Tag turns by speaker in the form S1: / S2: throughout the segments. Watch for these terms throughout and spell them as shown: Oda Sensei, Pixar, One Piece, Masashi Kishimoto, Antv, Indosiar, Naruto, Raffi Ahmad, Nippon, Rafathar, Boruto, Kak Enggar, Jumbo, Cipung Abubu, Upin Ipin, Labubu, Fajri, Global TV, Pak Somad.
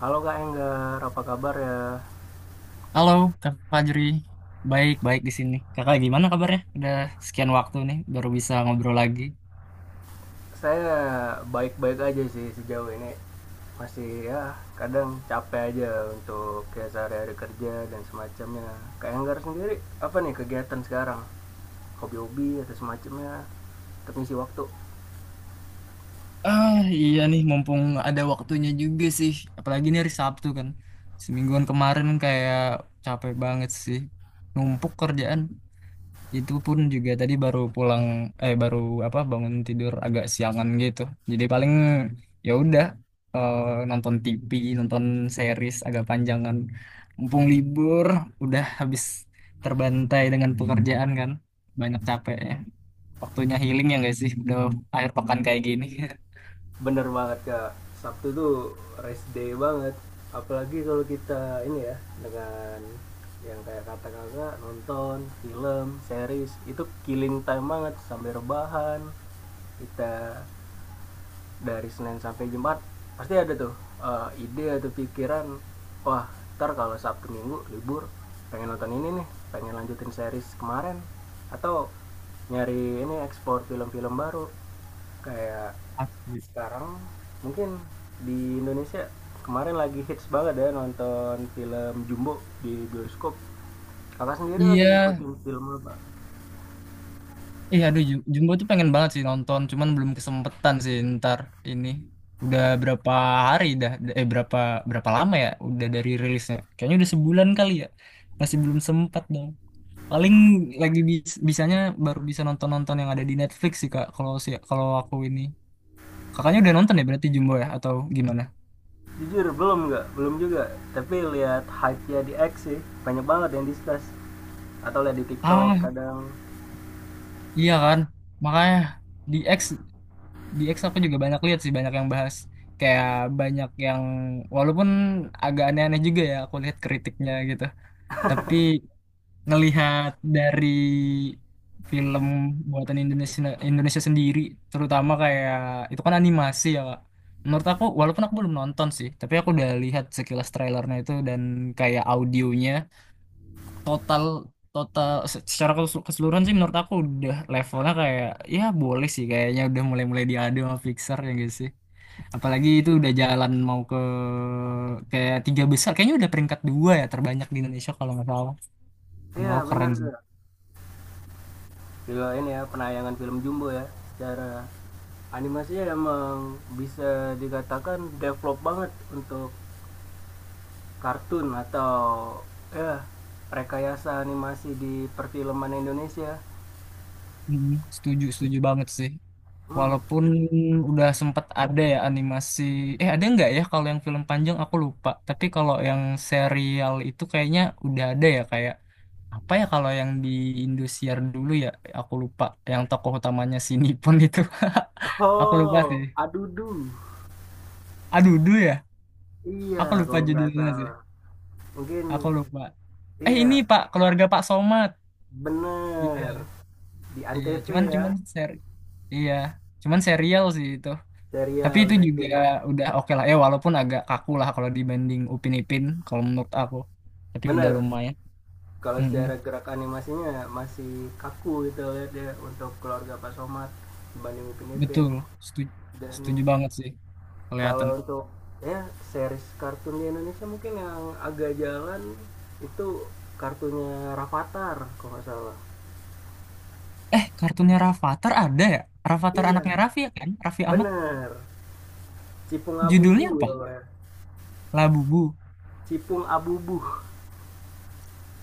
S1: Halo Kak Enggar, apa kabar ya?
S2: Halo, Kak Fajri. Baik-baik di sini. Kakak gimana kabarnya? Udah sekian waktu nih, baru bisa ngobrol lagi.
S1: Saya baik-baik aja sih sejauh ini. Masih ya kadang capek aja untuk ya sehari-hari kerja dan semacamnya. Kak Enggar sendiri apa nih kegiatan sekarang? Hobi-hobi atau semacamnya untuk ngisi waktu?
S2: Ah, iya nih, mumpung ada waktunya juga sih. Apalagi ini hari Sabtu kan. Semingguan kemarin kayak capek banget sih. Numpuk kerjaan. Itu pun juga tadi baru pulang, eh, baru apa bangun tidur agak siangan gitu. Jadi paling ya udah, eh, nonton TV, nonton series agak panjangan. Mumpung libur, udah habis terbantai dengan pekerjaan kan. Banyak capek ya. Waktunya healing ya guys sih udah akhir pekan kayak gini.
S1: Bener banget Kak. Sabtu tuh rest day banget. Apalagi kalau kita ini ya dengan yang kayak kata kakak nonton film, series itu killing time banget sambil rebahan, kita dari Senin sampai Jumat pasti ada tuh ide atau pikiran, wah, ntar kalau Sabtu Minggu libur pengen nonton ini nih, pengen lanjutin series kemarin atau nyari ini ekspor film-film baru kayak
S2: Asli.
S1: sekarang. Mungkin di Indonesia kemarin lagi hits banget ya nonton film Jumbo di bioskop. Kakak sendiri lagi
S2: Iya,
S1: ngikutin film apa?
S2: iya, aduh, Jumbo tuh pengen banget sih nonton, cuman belum kesempetan sih ntar ini. Udah berapa hari dah, berapa berapa lama ya udah dari rilisnya? Kayaknya udah sebulan kali ya. Masih belum sempat dong. Paling lagi bisanya baru bisa nonton-nonton yang ada di Netflix sih Kak, kalau aku ini. Kakaknya udah nonton ya berarti Jumbo ya atau gimana?
S1: Jujur belum, nggak, belum juga, tapi lihat hype nya di X sih, banyak banget yang discuss atau lihat di TikTok
S2: Ah,
S1: kadang.
S2: iya kan. Makanya di X di X aku juga banyak lihat sih, banyak yang bahas. Kayak banyak yang, walaupun agak aneh-aneh juga ya aku lihat kritiknya gitu, tapi ngelihat dari film buatan Indonesia Indonesia sendiri, terutama kayak itu kan animasi ya Kak. Menurut aku walaupun aku belum nonton sih, tapi aku udah lihat sekilas trailernya itu, dan kayak audionya total, total secara keseluruhan sih menurut aku udah levelnya kayak ya boleh sih, kayaknya udah mulai-mulai diadu sama Pixar ya gitu sih. Apalagi itu udah jalan mau ke kayak tiga besar. Kayaknya udah peringkat dua ya terbanyak di Indonesia kalau nggak salah. Menurut
S1: Iya
S2: aku
S1: bener
S2: keren sih.
S1: tuh. Juga ini ya penayangan film Jumbo ya, secara animasinya emang bisa dikatakan develop banget untuk kartun atau ya rekayasa animasi di perfilman Indonesia.
S2: Mhm. Setuju, setuju banget sih.
S1: hmm.
S2: Walaupun udah sempet ada ya animasi. Eh ada nggak ya kalau yang film panjang, aku lupa. Tapi kalau yang serial itu kayaknya udah ada ya, kayak apa ya, kalau yang di Indosiar dulu ya, aku lupa. Yang tokoh utamanya si Nippon itu. Aku lupa
S1: Oh,
S2: sih.
S1: adudu,
S2: Aduh, dulu ya.
S1: iya,
S2: Aku lupa
S1: kalau nggak
S2: judulnya sih.
S1: salah, mungkin,
S2: Aku lupa. Eh ini
S1: iya.
S2: Pak, keluarga Pak Somad. Iya,
S1: Bener, di
S2: iya.
S1: ANTV
S2: Cuman
S1: ya,
S2: cuman seri, iya. Cuman serial sih itu. Tapi
S1: serial
S2: itu juga
S1: jatuh ya.
S2: udah oke lah. Eh walaupun agak kaku lah kalau dibanding Upin Ipin, kalau menurut aku. Tapi udah
S1: Bener,
S2: lumayan.
S1: kalau
S2: Mm-mm.
S1: secara gerak animasinya masih kaku gitu lihat ya untuk keluarga Pak Somad dibanding Upin Ipin.
S2: Betul, setuju,
S1: Dan
S2: setuju banget sih, kelihatan.
S1: kalau untuk ya series kartun di Indonesia mungkin yang agak jalan itu kartunya Rafathar kalau nggak salah.
S2: Eh kartunnya Rafathar ada ya? Rafathar anaknya
S1: Iya,
S2: Raffi ya kan? Raffi Ahmad.
S1: bener. Cipung Abubu
S2: Judulnya apa?
S1: ya, Pak.
S2: Labubu.
S1: Cipung Abubu.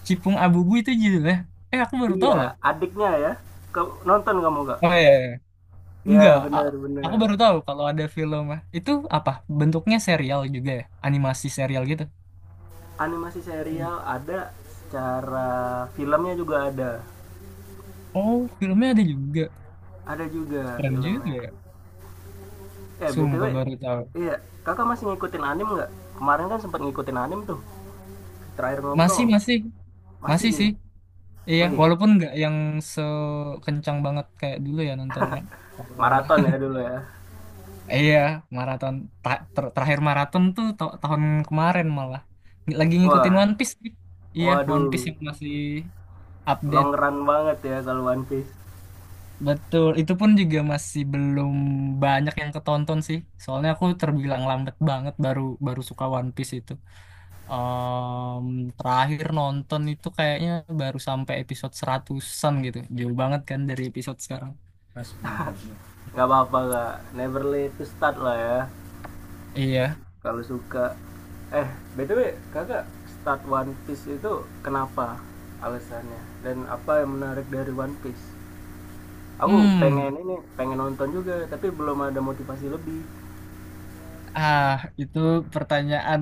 S2: Cipung Abubu itu judulnya. Eh aku baru tahu
S1: Iya,
S2: loh.
S1: adiknya ya. Kau nonton kamu gak?
S2: Oh iya. Enggak,
S1: Ya benar
S2: aku
S1: benar.
S2: baru tahu kalau ada film. Itu apa? Bentuknya serial juga ya? Animasi serial gitu?
S1: Animasi serial ada, secara filmnya juga ada.
S2: Oh, filmnya ada juga.
S1: Ada juga
S2: Keren juga
S1: filmnya.
S2: ya.
S1: Eh BTW,
S2: Sumpah baru tahu.
S1: iya, Kakak masih ngikutin anim nggak? Kemarin kan sempat ngikutin anim tuh. Terakhir
S2: Masih,
S1: ngobrol.
S2: masih.
S1: Masih
S2: Masih
S1: gitu.
S2: sih. Iya,
S1: Wih,
S2: walaupun nggak yang sekencang banget kayak dulu ya nontonnya. Oh,
S1: maraton ya dulu ya.
S2: iya, maraton. Terakhir maraton tuh tahun kemarin malah. Lagi
S1: Wah,
S2: ngikutin One Piece sih. Iya, One Piece
S1: waduh.
S2: yang masih
S1: Long
S2: update.
S1: run banget ya kalau One Piece.
S2: Betul, itu pun juga masih belum banyak yang ketonton sih. Soalnya aku terbilang lambat banget, baru baru suka One Piece itu. Em, Terakhir nonton itu kayaknya baru sampai episode 100-an an gitu. Jauh banget kan dari episode sekarang. Masih belum harusnya.
S1: Nggak apa-apa, Kak. Never late to start lah ya.
S2: Iya.
S1: Kalau suka, eh btw kakak start One Piece itu kenapa alasannya, dan apa yang menarik dari One Piece? Aku
S2: Hmm.
S1: pengen ini, pengen nonton juga, tapi belum ada motivasi lebih.
S2: Ah, itu pertanyaan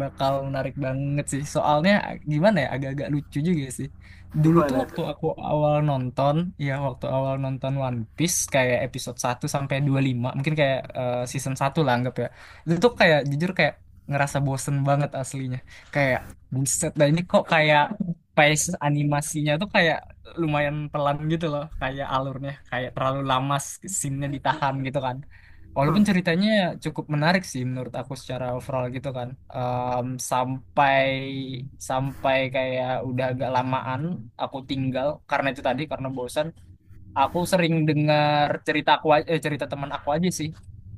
S2: bakal menarik banget sih. Soalnya gimana ya, agak-agak lucu juga sih. Dulu tuh
S1: gimana tuh
S2: waktu aku awal nonton, ya waktu awal nonton One Piece kayak episode satu sampai 25 mungkin, kayak season satu lah anggap ya. Itu tuh kayak jujur kayak ngerasa bosen banget aslinya. Kayak buset, dan ini kok kayak pace animasinya tuh kayak lumayan pelan gitu loh, kayak alurnya kayak terlalu lama scene-nya ditahan gitu kan. Walaupun ceritanya cukup menarik sih menurut aku secara overall gitu kan. Em, sampai, kayak udah agak lamaan aku tinggal karena itu tadi, karena bosan. Aku sering dengar cerita teman aku aja sih.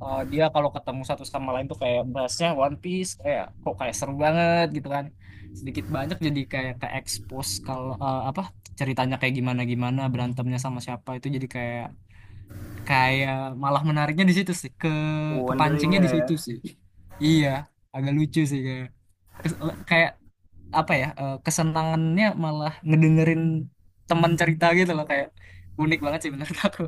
S2: Eh, dia kalau ketemu satu sama lain tuh kayak bahasnya One Piece, kayak kok kayak seru banget gitu kan. Sedikit banyak jadi kayak ke expose kalau, apa, ceritanya kayak gimana, gimana berantemnya sama siapa, itu jadi kayak, kayak malah menariknya di situ sih, kepancingnya
S1: wonderingnya
S2: di
S1: ya?
S2: situ sih. Iya, agak lucu sih, kayak kes- kayak apa ya, kesenangannya malah ngedengerin teman cerita gitu loh, kayak unik banget sih menurut aku.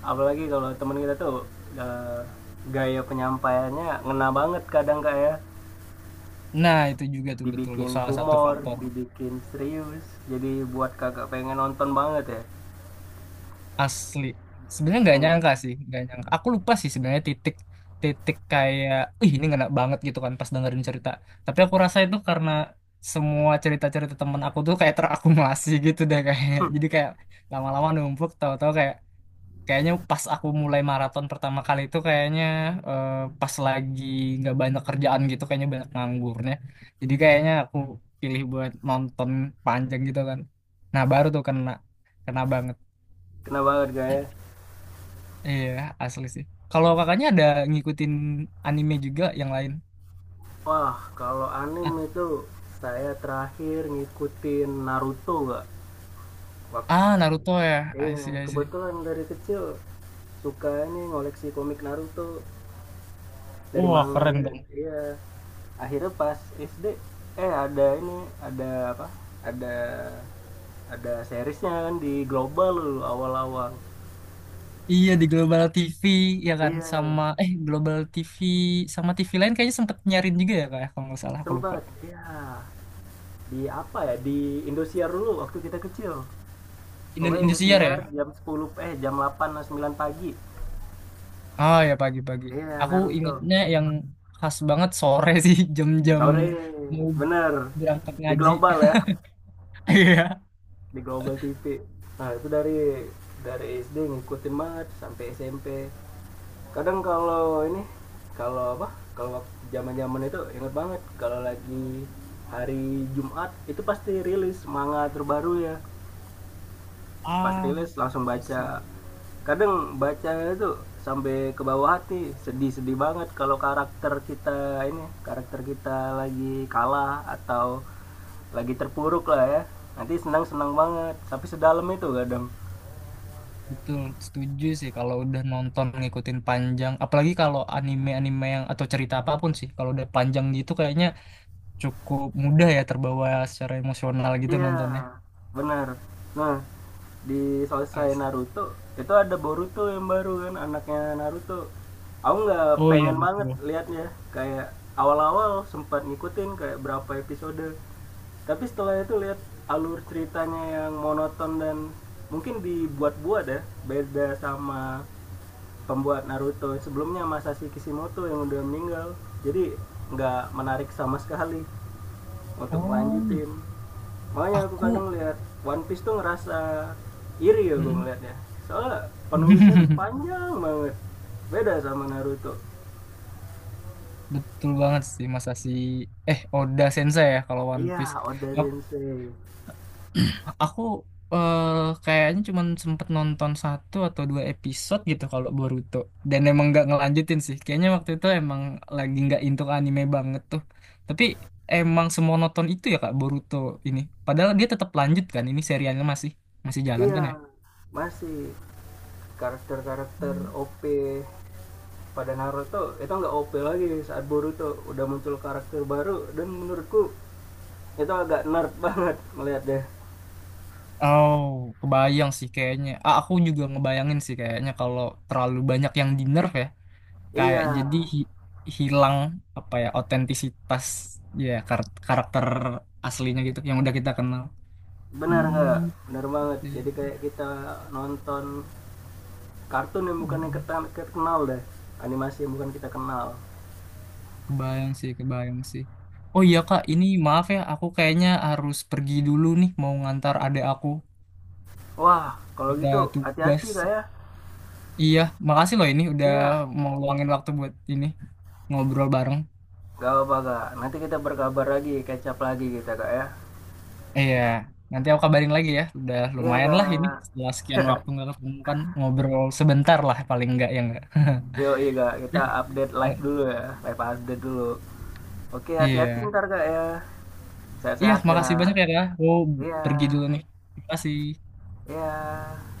S1: Apalagi kalau teman kita tuh, eh, gaya penyampaiannya ngena banget kadang kak ya,
S2: Nah itu juga tuh betul
S1: dibikin
S2: salah satu
S1: humor
S2: faktor.
S1: dibikin serius, jadi buat kakak pengen nonton banget ya.
S2: Asli, sebenarnya nggak
S1: Hmm,
S2: nyangka sih, nggak nyangka, aku lupa sih sebenarnya titik, kayak ih ini enak banget gitu kan pas dengerin cerita. Tapi aku rasa itu karena semua cerita-cerita temen aku tuh kayak terakumulasi gitu deh, kayak jadi kayak lama-lama numpuk, tahu-tahu kayak, kayaknya pas aku mulai maraton pertama kali itu kayaknya, eh, pas lagi nggak banyak kerjaan gitu, kayaknya banyak nganggurnya, jadi kayaknya aku pilih buat nonton panjang gitu kan, nah baru tuh kena, banget.
S1: kena banget kak ya.
S2: Iya, asli sih. Kalau kakaknya ada ngikutin anime juga yang lain?
S1: Wah, kalau
S2: At-
S1: anime itu saya terakhir ngikutin Naruto Kak. Wak-
S2: Ah, Naruto ya. I see,
S1: iya,
S2: I see.
S1: kebetulan dari kecil suka ini ngoleksi komik Naruto dari
S2: Wah, keren
S1: manganya. Oh,
S2: dong.
S1: iya. Akhirnya pas SD ada ini, ada apa? Ada ada seriesnya kan di global dulu awal-awal.
S2: Iya, di Global TV, ya kan?
S1: Iya,
S2: Sama, Global TV, sama TV lain kayaknya sempet nyarin juga ya, kayak kalau nggak salah, aku lupa.
S1: sempat. Iya. Di apa ya? Di Indosiar dulu waktu kita kecil. Pokoknya
S2: Indosiar ya?
S1: Indosiar jam 10 jam 8 atau 9 pagi.
S2: Ah, ya pagi-pagi.
S1: Iya,
S2: Aku
S1: Naruto.
S2: ingatnya yang khas banget sore sih, jam-jam
S1: Sore.
S2: mau
S1: Bener.
S2: berangkat
S1: Di
S2: ngaji.
S1: Global ya.
S2: Iya.
S1: Di Global TV. Nah, itu dari SD ngikutin banget sampai SMP. Kadang kalau ini, kalau apa? Kalau zaman-zaman itu inget banget kalau lagi hari Jumat itu pasti rilis manga terbaru ya. Pas
S2: Ah,
S1: rilis langsung
S2: I
S1: baca.
S2: see.
S1: Kadang bacanya itu sampai ke bawah hati, sedih-sedih banget kalau karakter kita ini, karakter kita lagi kalah atau lagi terpuruk lah ya, nanti senang-senang banget, tapi sedalam itu kadang.
S2: Betul, setuju sih, kalau udah nonton ngikutin panjang, apalagi kalau anime-anime yang, atau cerita apapun sih, kalau udah panjang gitu kayaknya cukup mudah ya terbawa secara emosional gitu
S1: Iya,
S2: nontonnya.
S1: benar. Nah, di selesai
S2: Asik.
S1: Naruto itu ada Boruto yang baru kan, anaknya Naruto. Aku nggak
S2: Oh iya
S1: pengen banget
S2: betul.
S1: liatnya, kayak awal-awal sempat ngikutin kayak berapa episode. Tapi setelah itu lihat alur ceritanya yang monoton dan mungkin dibuat-buat ya, beda sama pembuat Naruto sebelumnya Masashi Kishimoto yang udah meninggal. Jadi nggak menarik sama sekali untuk
S2: Oh,
S1: lanjutin. Makanya aku kadang
S2: aku.
S1: lihat One Piece tuh ngerasa iri ya gue
S2: Mm-mm.
S1: ngeliatnya, soalnya penulisnya tuh panjang banget, beda sama Naruto.
S2: Betul banget sih Mas Asi. Eh, Oda Sensei ya kalau One Piece.
S1: Iya, Oda Sensei.
S2: Aku, eh, kayaknya cuman sempet nonton satu atau dua episode gitu kalau Boruto. Dan emang nggak ngelanjutin sih. Kayaknya waktu itu emang lagi nggak into anime banget tuh. Tapi emang semonoton itu ya Kak Boruto ini. Padahal dia tetap lanjut kan. Ini serialnya masih masih jalan kan
S1: Iya,
S2: ya?
S1: masih karakter-karakter
S2: Hmm.
S1: OP pada Naruto itu nggak OP lagi saat Boruto, udah muncul karakter baru dan menurutku itu agak nerd banget melihatnya.
S2: Oh, kebayang sih kayaknya. Ah, aku juga ngebayangin sih kayaknya kalau terlalu banyak yang di nerf ya. Kayak
S1: Iya,
S2: jadi hilang apa ya otentisitas ya karakter aslinya gitu yang udah kita kenal.
S1: benar nggak,
S2: Hmm,
S1: benar banget,
S2: oke.
S1: jadi kayak kita nonton kartun yang bukan yang
S2: Mm-mm.
S1: kita kita kenal deh, animasi yang bukan kita kenal.
S2: Kebayang sih, kebayang sih. Oh iya Kak, ini maaf ya, aku kayaknya harus pergi dulu nih mau ngantar adik aku.
S1: Wah, kalau
S2: Udah
S1: gitu
S2: tugas.
S1: hati-hati kak ya.
S2: Iya, makasih loh ini udah
S1: Iya,
S2: mau luangin waktu buat ini, ngobrol bareng.
S1: gak apa-apa kak, nanti kita berkabar lagi, kecap lagi kita kak ya.
S2: Iya, nanti aku kabarin lagi ya. Udah
S1: Iya
S2: lumayan lah ini
S1: kak.
S2: setelah sekian waktu nggak ketemu kan, ngobrol sebentar lah paling nggak ya nggak.
S1: yo iya kak, kita
S2: Ya,
S1: update live dulu ya, live update dulu. Oke, hati-hati
S2: iya.
S1: ntar kak ya.
S2: Iya,
S1: Sehat-sehat
S2: makasih
S1: kak.
S2: banyak ya, Kak. Aku
S1: Iya,
S2: pergi dulu nih. Terima kasih.
S1: iya.